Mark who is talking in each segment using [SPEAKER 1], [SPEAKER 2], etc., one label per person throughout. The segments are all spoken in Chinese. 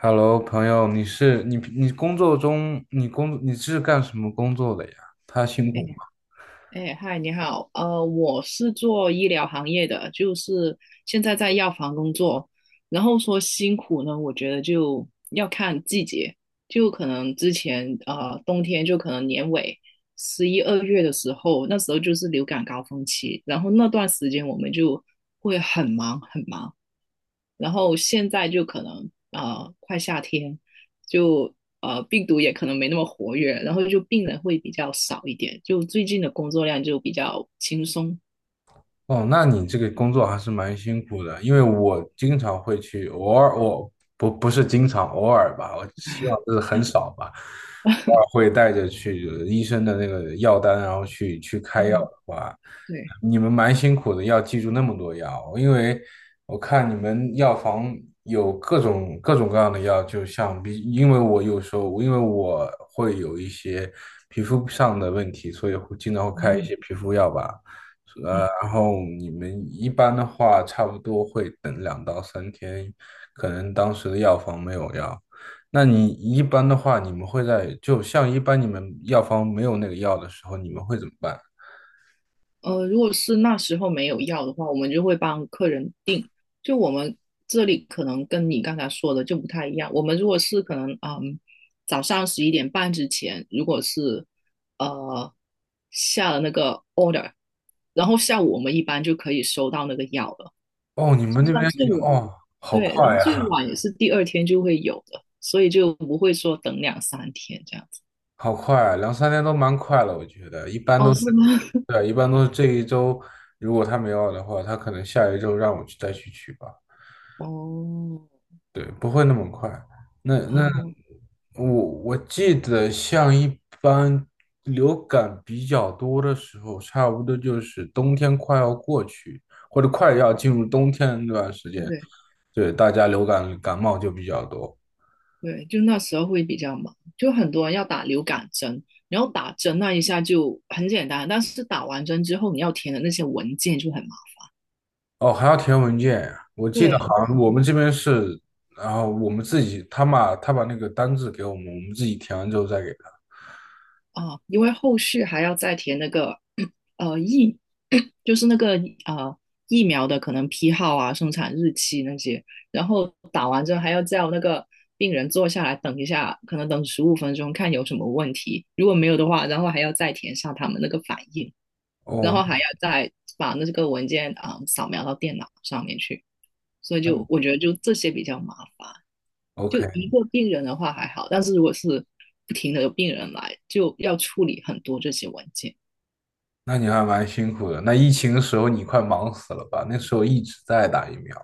[SPEAKER 1] Hello，朋友，你是你你工作中你工你是干什么工作的呀？他辛苦
[SPEAKER 2] 哎哎，嗨，你好，我是做医疗行业的，就是现在在药房工作。然后说辛苦呢，我觉得就要看季节，就可能之前冬天就可能年尾11、12月的时候，那时候就是流感高峰期，然后那段时间我们就会很忙很忙。然后现在就可能快夏天，就病毒也可能没那么活跃，然后就病人会比较少一点，就最近的工作量就比较轻松。
[SPEAKER 1] 哦，那你这个工作还是蛮辛苦的，因为我经常会去，偶尔我不是经常，偶尔吧，我希望这是很少吧，偶尔会带着去医生的那个药单，然后去开药的
[SPEAKER 2] 嗯，
[SPEAKER 1] 话，
[SPEAKER 2] 对，
[SPEAKER 1] 你们蛮辛苦的，要记住那么多药，因为我看你们药房有各种各样的药，就像比，因为我有时候，因为我会有一些皮肤上的问题，所以会经常会开一
[SPEAKER 2] 嗯，
[SPEAKER 1] 些皮肤药吧。呃
[SPEAKER 2] 嗯。
[SPEAKER 1] 然后你们一般的话，差不多会等两到三天，可能当时的药房没有药。那你一般的话，你们会在就像一般你们药房没有那个药的时候，你们会怎么办？
[SPEAKER 2] 如果是那时候没有药的话，我们就会帮客人订。就我们这里可能跟你刚才说的就不太一样。我们如果是可能，早上11点半之前，如果是呃下了那个 order，然后下午我们一般就可以收到那个药了。
[SPEAKER 1] 哦，你们那边
[SPEAKER 2] 那最
[SPEAKER 1] 也
[SPEAKER 2] 晚
[SPEAKER 1] 哦，好
[SPEAKER 2] 对，然
[SPEAKER 1] 快
[SPEAKER 2] 后最
[SPEAKER 1] 呀，
[SPEAKER 2] 晚也是第二天就会有的，所以就不会说等两三天这样子。
[SPEAKER 1] 好快啊两三天都蛮快了，我觉得一般
[SPEAKER 2] 哦，
[SPEAKER 1] 都是，
[SPEAKER 2] 是吗？
[SPEAKER 1] 对啊，一般都是这一周，如果他没有药的话，他可能下一周让我再去取吧，
[SPEAKER 2] 哦，
[SPEAKER 1] 对，不会那么快。那那
[SPEAKER 2] 哦，
[SPEAKER 1] 我我记得像一般流感比较多的时候，差不多就是冬天快要过去，或者快要进入冬天的那段时间，
[SPEAKER 2] 对。
[SPEAKER 1] 对，大家流感感冒就比较多。
[SPEAKER 2] 对，就那时候会比较忙，就很多人要打流感针，然后打针那一下就很简单，但是打完针之后你要填的那些文件就很忙。
[SPEAKER 1] 哦，还要填文件呀我记得
[SPEAKER 2] 对
[SPEAKER 1] 好像我们这边是，然后我们自己，他把那个单子给我们，我们自己填完之后再给他。
[SPEAKER 2] 啊，因为后续还要再填那个 呃疫，就是那个疫苗的可能批号啊、生产日期那些，然后打完针还要叫那个病人坐下来等一下，可能等15分钟看有什么问题，如果没有的话，然后还要再填上他们那个反应。然
[SPEAKER 1] 哦，
[SPEAKER 2] 后还要再把那个文件啊、扫描到电脑上面去，所以就
[SPEAKER 1] 嗯
[SPEAKER 2] 我觉得就这些比较麻烦。
[SPEAKER 1] ，OK,
[SPEAKER 2] 就一个病人的话还好，但是如果是不停的有病人来，就要处理很多这些文件。
[SPEAKER 1] 那你还蛮辛苦的。那疫情的时候你快忙死了吧？那时候一直在打疫苗。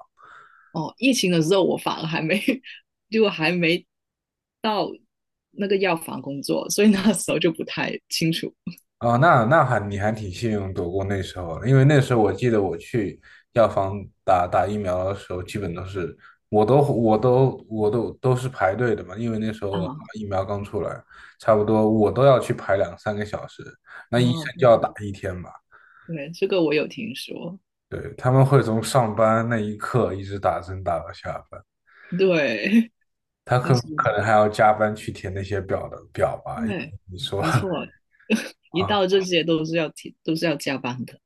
[SPEAKER 2] 哦，疫情的时候我反而还没到那个药房工作，所以那时候就不太清楚。
[SPEAKER 1] 哦，那那还你还挺幸运躲过那时候的因为那时候我记得我去药房打疫苗的时候，基本都是我都是排队的嘛，因为那时候
[SPEAKER 2] 啊
[SPEAKER 1] 疫苗刚出来，差不多我都要去排两三个小时，那
[SPEAKER 2] 啊，
[SPEAKER 1] 医生就
[SPEAKER 2] 对
[SPEAKER 1] 要
[SPEAKER 2] 对
[SPEAKER 1] 打一天嘛，
[SPEAKER 2] 对，这个我有听说，
[SPEAKER 1] 对，他们会从上班那一刻一直打针打到下班，
[SPEAKER 2] 对，
[SPEAKER 1] 他
[SPEAKER 2] 那
[SPEAKER 1] 可
[SPEAKER 2] 是
[SPEAKER 1] 可能还要加班去填那些表吧，因为
[SPEAKER 2] 对，
[SPEAKER 1] 你说
[SPEAKER 2] 没错，一
[SPEAKER 1] 啊，
[SPEAKER 2] 到这些都是要提，都是要加班的。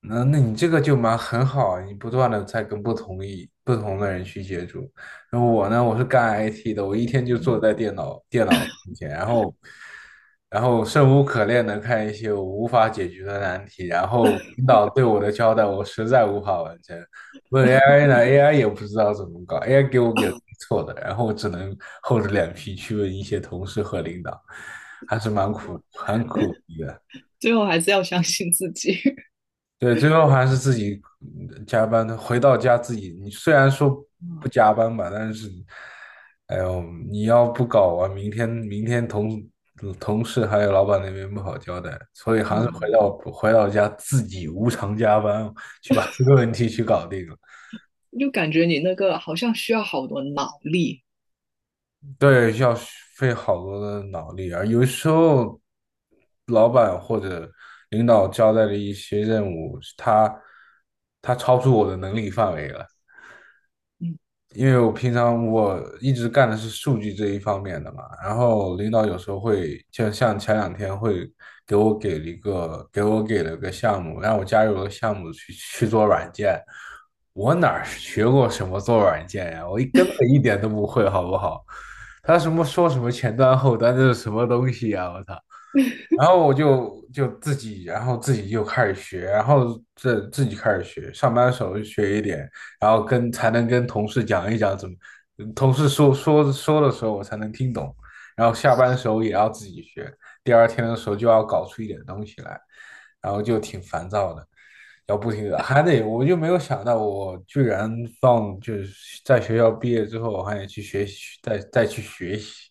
[SPEAKER 1] 那那你这个就很好，你不断的在跟不同的人去接触。然后我呢，我是干 IT 的，我一天就坐在
[SPEAKER 2] 嗯，
[SPEAKER 1] 电脑面前，然后生无可恋的看一些我无法解决的难题，然后领导对我的交代我实在无法完成。问 AI 呢，AI 也不知道怎么搞，AI 给我给错的，然后我只能厚着脸皮去问一些同事和领导，还是很苦逼的。
[SPEAKER 2] 最后还是要相信自己。
[SPEAKER 1] 对，最后还是自己加班，的，回到家自己。你虽然说
[SPEAKER 2] 嗯
[SPEAKER 1] 不加班吧，但是，哎呦，你要不搞完，明天同事还有老板那边不好交代，所以还是回
[SPEAKER 2] 嗯，
[SPEAKER 1] 到回到家自己无偿加班去把这个问题去搞定了。
[SPEAKER 2] 就感觉你那个好像需要好多脑力。
[SPEAKER 1] 对，要费好多的脑力啊。而有时候，老板或者领导交代的一些任务，他超出我的能力范围了。
[SPEAKER 2] 嗯，
[SPEAKER 1] 因为我平常一直干的是数据这一方面的嘛，然后领导有时候会，就像前两天会给了个项目，让我加入了个项目去做软件，哪儿学过什么做软件呀？我根本一点都不会，好不好？他什么说什么前端后端，这是什么东西呀？我操！然后我就自己，然后自己就开始学，然后这自己开始学，上班的时候就学一点，然后才能跟同事讲一讲怎么，同事说的时候我才能听懂，然后下班的时候也要自己学，第二天的时候就要搞出一点东西来，然后就挺烦躁的，要不停的还得，我就没有想到我居然放就是在学校毕业之后还得去学习，再去学习，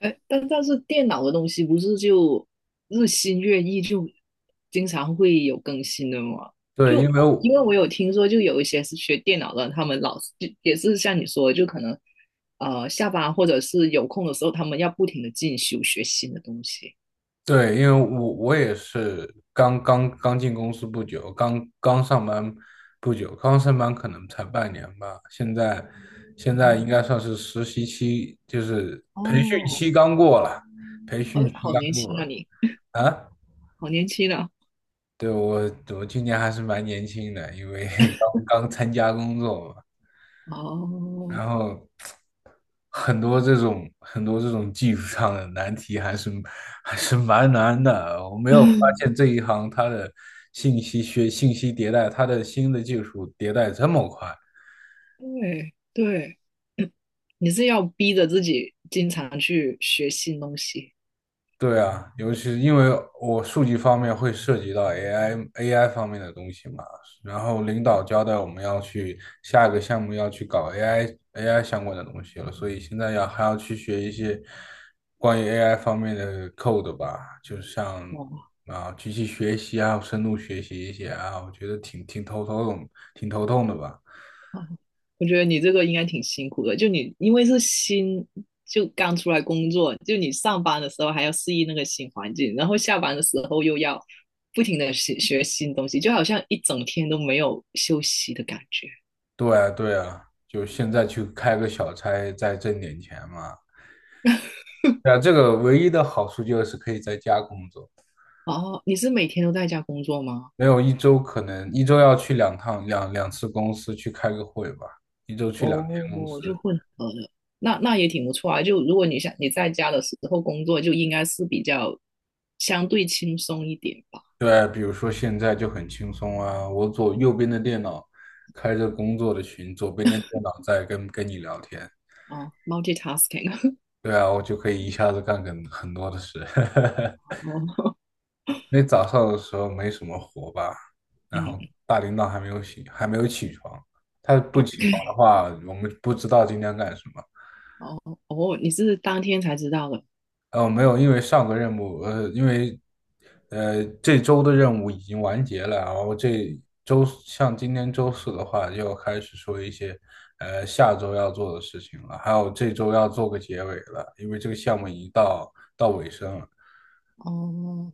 [SPEAKER 2] 哎，但是电脑的东西不是就日新月异，就经常会有更新的吗？
[SPEAKER 1] 对，
[SPEAKER 2] 就
[SPEAKER 1] 因为
[SPEAKER 2] 因
[SPEAKER 1] 我
[SPEAKER 2] 为我有听说，就有一些是学电脑的，他们老是就也是像你说的，就可能下班或者是有空的时候，他们要不停的进修学新的东西。
[SPEAKER 1] 对，因为我也是刚刚进公司不久，刚刚上班不久，刚上班可能才半年吧。现在
[SPEAKER 2] 嗯，
[SPEAKER 1] 应该算是实习期，就是培训期
[SPEAKER 2] 哦，
[SPEAKER 1] 刚过了，培训
[SPEAKER 2] 哦，
[SPEAKER 1] 期
[SPEAKER 2] 好年
[SPEAKER 1] 刚过
[SPEAKER 2] 轻啊
[SPEAKER 1] 了
[SPEAKER 2] 你，
[SPEAKER 1] 啊。
[SPEAKER 2] 好年轻啊！
[SPEAKER 1] 对，我今年还是蛮年轻的，因为 刚刚参加工作嘛。然
[SPEAKER 2] 哦，
[SPEAKER 1] 后很多这种技术上的难题还是蛮难的。我没有发 现这一行它的信息迭代，它的新的技术迭代这么快。
[SPEAKER 2] 对对，你是要逼着自己经常去学新东西，
[SPEAKER 1] 对啊，尤其是因为我数据方面会涉及到 AI 方面的东西嘛，然后领导交代我们要去下一个项目要去搞 AI 相关的东西了，所以现在要还要去学一些关于 AI 方面的 code 吧，就像
[SPEAKER 2] 哇，
[SPEAKER 1] 啊机器学习啊、深度学习一些啊，我觉得挺头痛的吧。
[SPEAKER 2] 哦，我觉得你这个应该挺辛苦的，就你因为是新，就刚出来工作，就你上班的时候还要适应那个新环境，然后下班的时候又要不停的学学新东西，就好像一整天都没有休息的感觉。
[SPEAKER 1] 对啊,就现在去开个小差，再挣点钱嘛。对啊，这个唯一的好处就是可以在家工作，
[SPEAKER 2] 哦，你是每天都在家工作吗？
[SPEAKER 1] 没有一周可能一周要去两趟两两次公司去开个会吧，一周去两天公司。
[SPEAKER 2] 哦，就混合的，那也挺不错啊。就如果你想你在家的时候工作，就应该是比较相对轻松一点吧。
[SPEAKER 1] 对，比如说现在就很轻松啊，我左右边的电脑开着工作的群，左边的电脑在跟你聊天。
[SPEAKER 2] 哦，multitasking,
[SPEAKER 1] 对啊，我就可以一下子干很多的事。
[SPEAKER 2] 哦，
[SPEAKER 1] 那早上的时候没什么活吧，然
[SPEAKER 2] 嗯，
[SPEAKER 1] 后大领导还没有醒，还没有起床，他不起床的话，我们不知道今天干什么。
[SPEAKER 2] 哦，哦，你是当天才知道的。
[SPEAKER 1] 哦，没有，因为上个任务，因为，这周的任务已经完结了，然后这周像今天周四的话，就要开始说一些，下周要做的事情了，还有这周要做个结尾了，因为这个项目已经到尾声了。
[SPEAKER 2] 哦，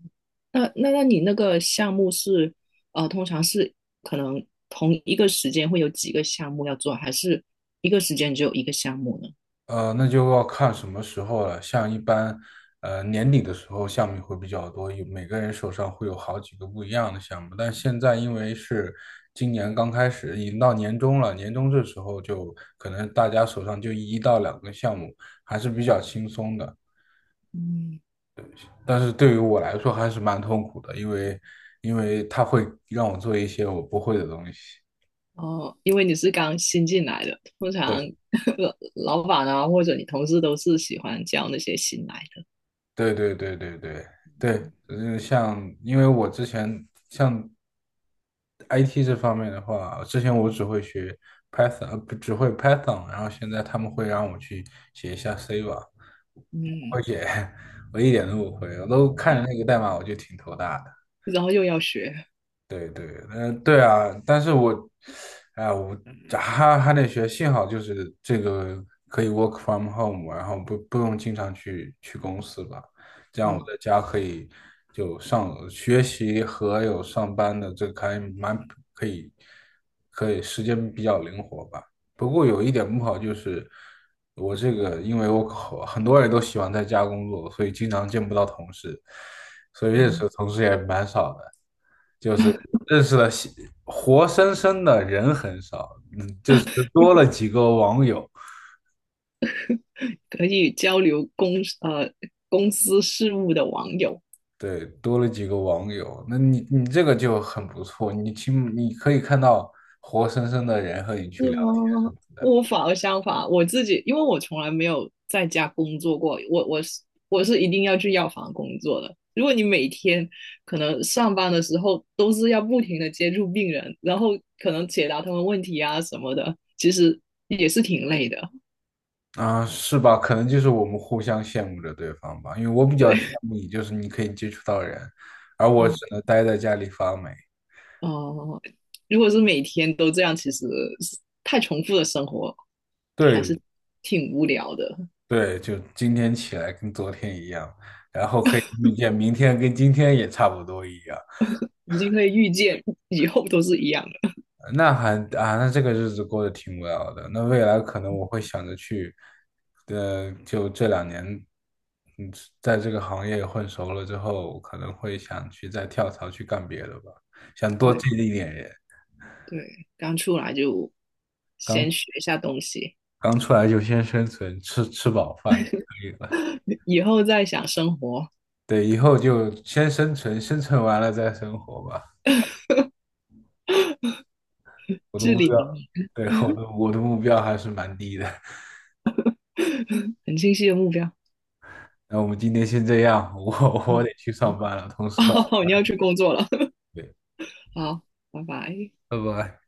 [SPEAKER 2] 那你那个项目是，通常是可能同一个时间会有几个项目要做，还是一个时间只有一个项目呢？
[SPEAKER 1] 那就要看什么时候了。像一般，年底的时候项目会比较多，有每个人手上会有好几个不一样的项目。但现在因为是今年刚开始，已经到年终了，年终这时候就可能大家手上就一到两个项目，还是比较轻松的。
[SPEAKER 2] 嗯，
[SPEAKER 1] 但是对于我来说还是蛮痛苦的，因为他会让我做一些我不会的东西。
[SPEAKER 2] 哦，因为你是刚新进来的，通常
[SPEAKER 1] 对。
[SPEAKER 2] 老板啊或者你同事都是喜欢教那些新来
[SPEAKER 1] 对对对对对对，就是像，因为我之前像 IT 这方面的话，之前我只会学 Python,呃，不只会 Python,然后现在他们会让我去写一下 C 吧，
[SPEAKER 2] 的，嗯，
[SPEAKER 1] 我写，我一点都不会，我都看着那个代码我就挺头大的。
[SPEAKER 2] 然后又要学，
[SPEAKER 1] 对对，呃，对啊，但是我，哎、我啊还得学，幸好就是这个可以 work from home,然后不用经常去公司吧，这样我
[SPEAKER 2] 哦，
[SPEAKER 1] 在家可以就上学习和有上班的这个还蛮可以，可以时间比较灵活吧。不过有一点不好就是我这个，因为我好很多人都喜欢在家工作，所以经常见不到同事，所以认识
[SPEAKER 2] 嗯，
[SPEAKER 1] 的同事也蛮少的。认识了西活生生的人很少，嗯，就是多了几个网友，
[SPEAKER 2] 可以交流呃公司事务的网友，
[SPEAKER 1] 对，多了几个网友，那你这个就很不错，你起码你可以看到活生生的人和你去
[SPEAKER 2] 是
[SPEAKER 1] 聊天什
[SPEAKER 2] 吗？
[SPEAKER 1] 么的，
[SPEAKER 2] 我反而相反，我自己因为我从来没有在家工作过，我是一定要去药房工作的。如果你每天可能上班的时候都是要不停的接触病人，然后可能解答他们问题啊什么的，其实也是挺累的。
[SPEAKER 1] 啊，是吧？可能就是我们互相羡慕着对方吧，因为我比较羡慕你，就是你可以接触到人，而我只
[SPEAKER 2] 嗯，
[SPEAKER 1] 能待在家里发霉。
[SPEAKER 2] 哦，如果是每天都这样，其实太重复的生活还
[SPEAKER 1] 对
[SPEAKER 2] 是挺无聊的。
[SPEAKER 1] 对，就今天起来跟昨天一样，然后可以预见明天跟今天也差不多一样。
[SPEAKER 2] 已经可以预见以后都是一样的。
[SPEAKER 1] 那还啊，那这个日子过得挺无聊的。那未来可能我会想着去，就这两年，嗯，在这个行业混熟了之后，可能会想去再跳槽去干别的吧，想多
[SPEAKER 2] 对。
[SPEAKER 1] 见一点人
[SPEAKER 2] 对，刚出来就先
[SPEAKER 1] 刚
[SPEAKER 2] 学一下东西，
[SPEAKER 1] 刚出来就先生存，吃饱饭可以了。
[SPEAKER 2] 以后再想生活，
[SPEAKER 1] 对，以后就先生存，生存完了再生活吧。我的
[SPEAKER 2] 至
[SPEAKER 1] 目
[SPEAKER 2] 理名
[SPEAKER 1] 标，
[SPEAKER 2] 言，
[SPEAKER 1] 对，我的目标还是蛮低的。
[SPEAKER 2] 很清晰的目标。
[SPEAKER 1] 那我们今天先这样，我
[SPEAKER 2] 啊，
[SPEAKER 1] 我得去上
[SPEAKER 2] 好
[SPEAKER 1] 班了，同事发。
[SPEAKER 2] 哦，你要去工作了，
[SPEAKER 1] 对。
[SPEAKER 2] 好，拜拜。
[SPEAKER 1] 拜拜。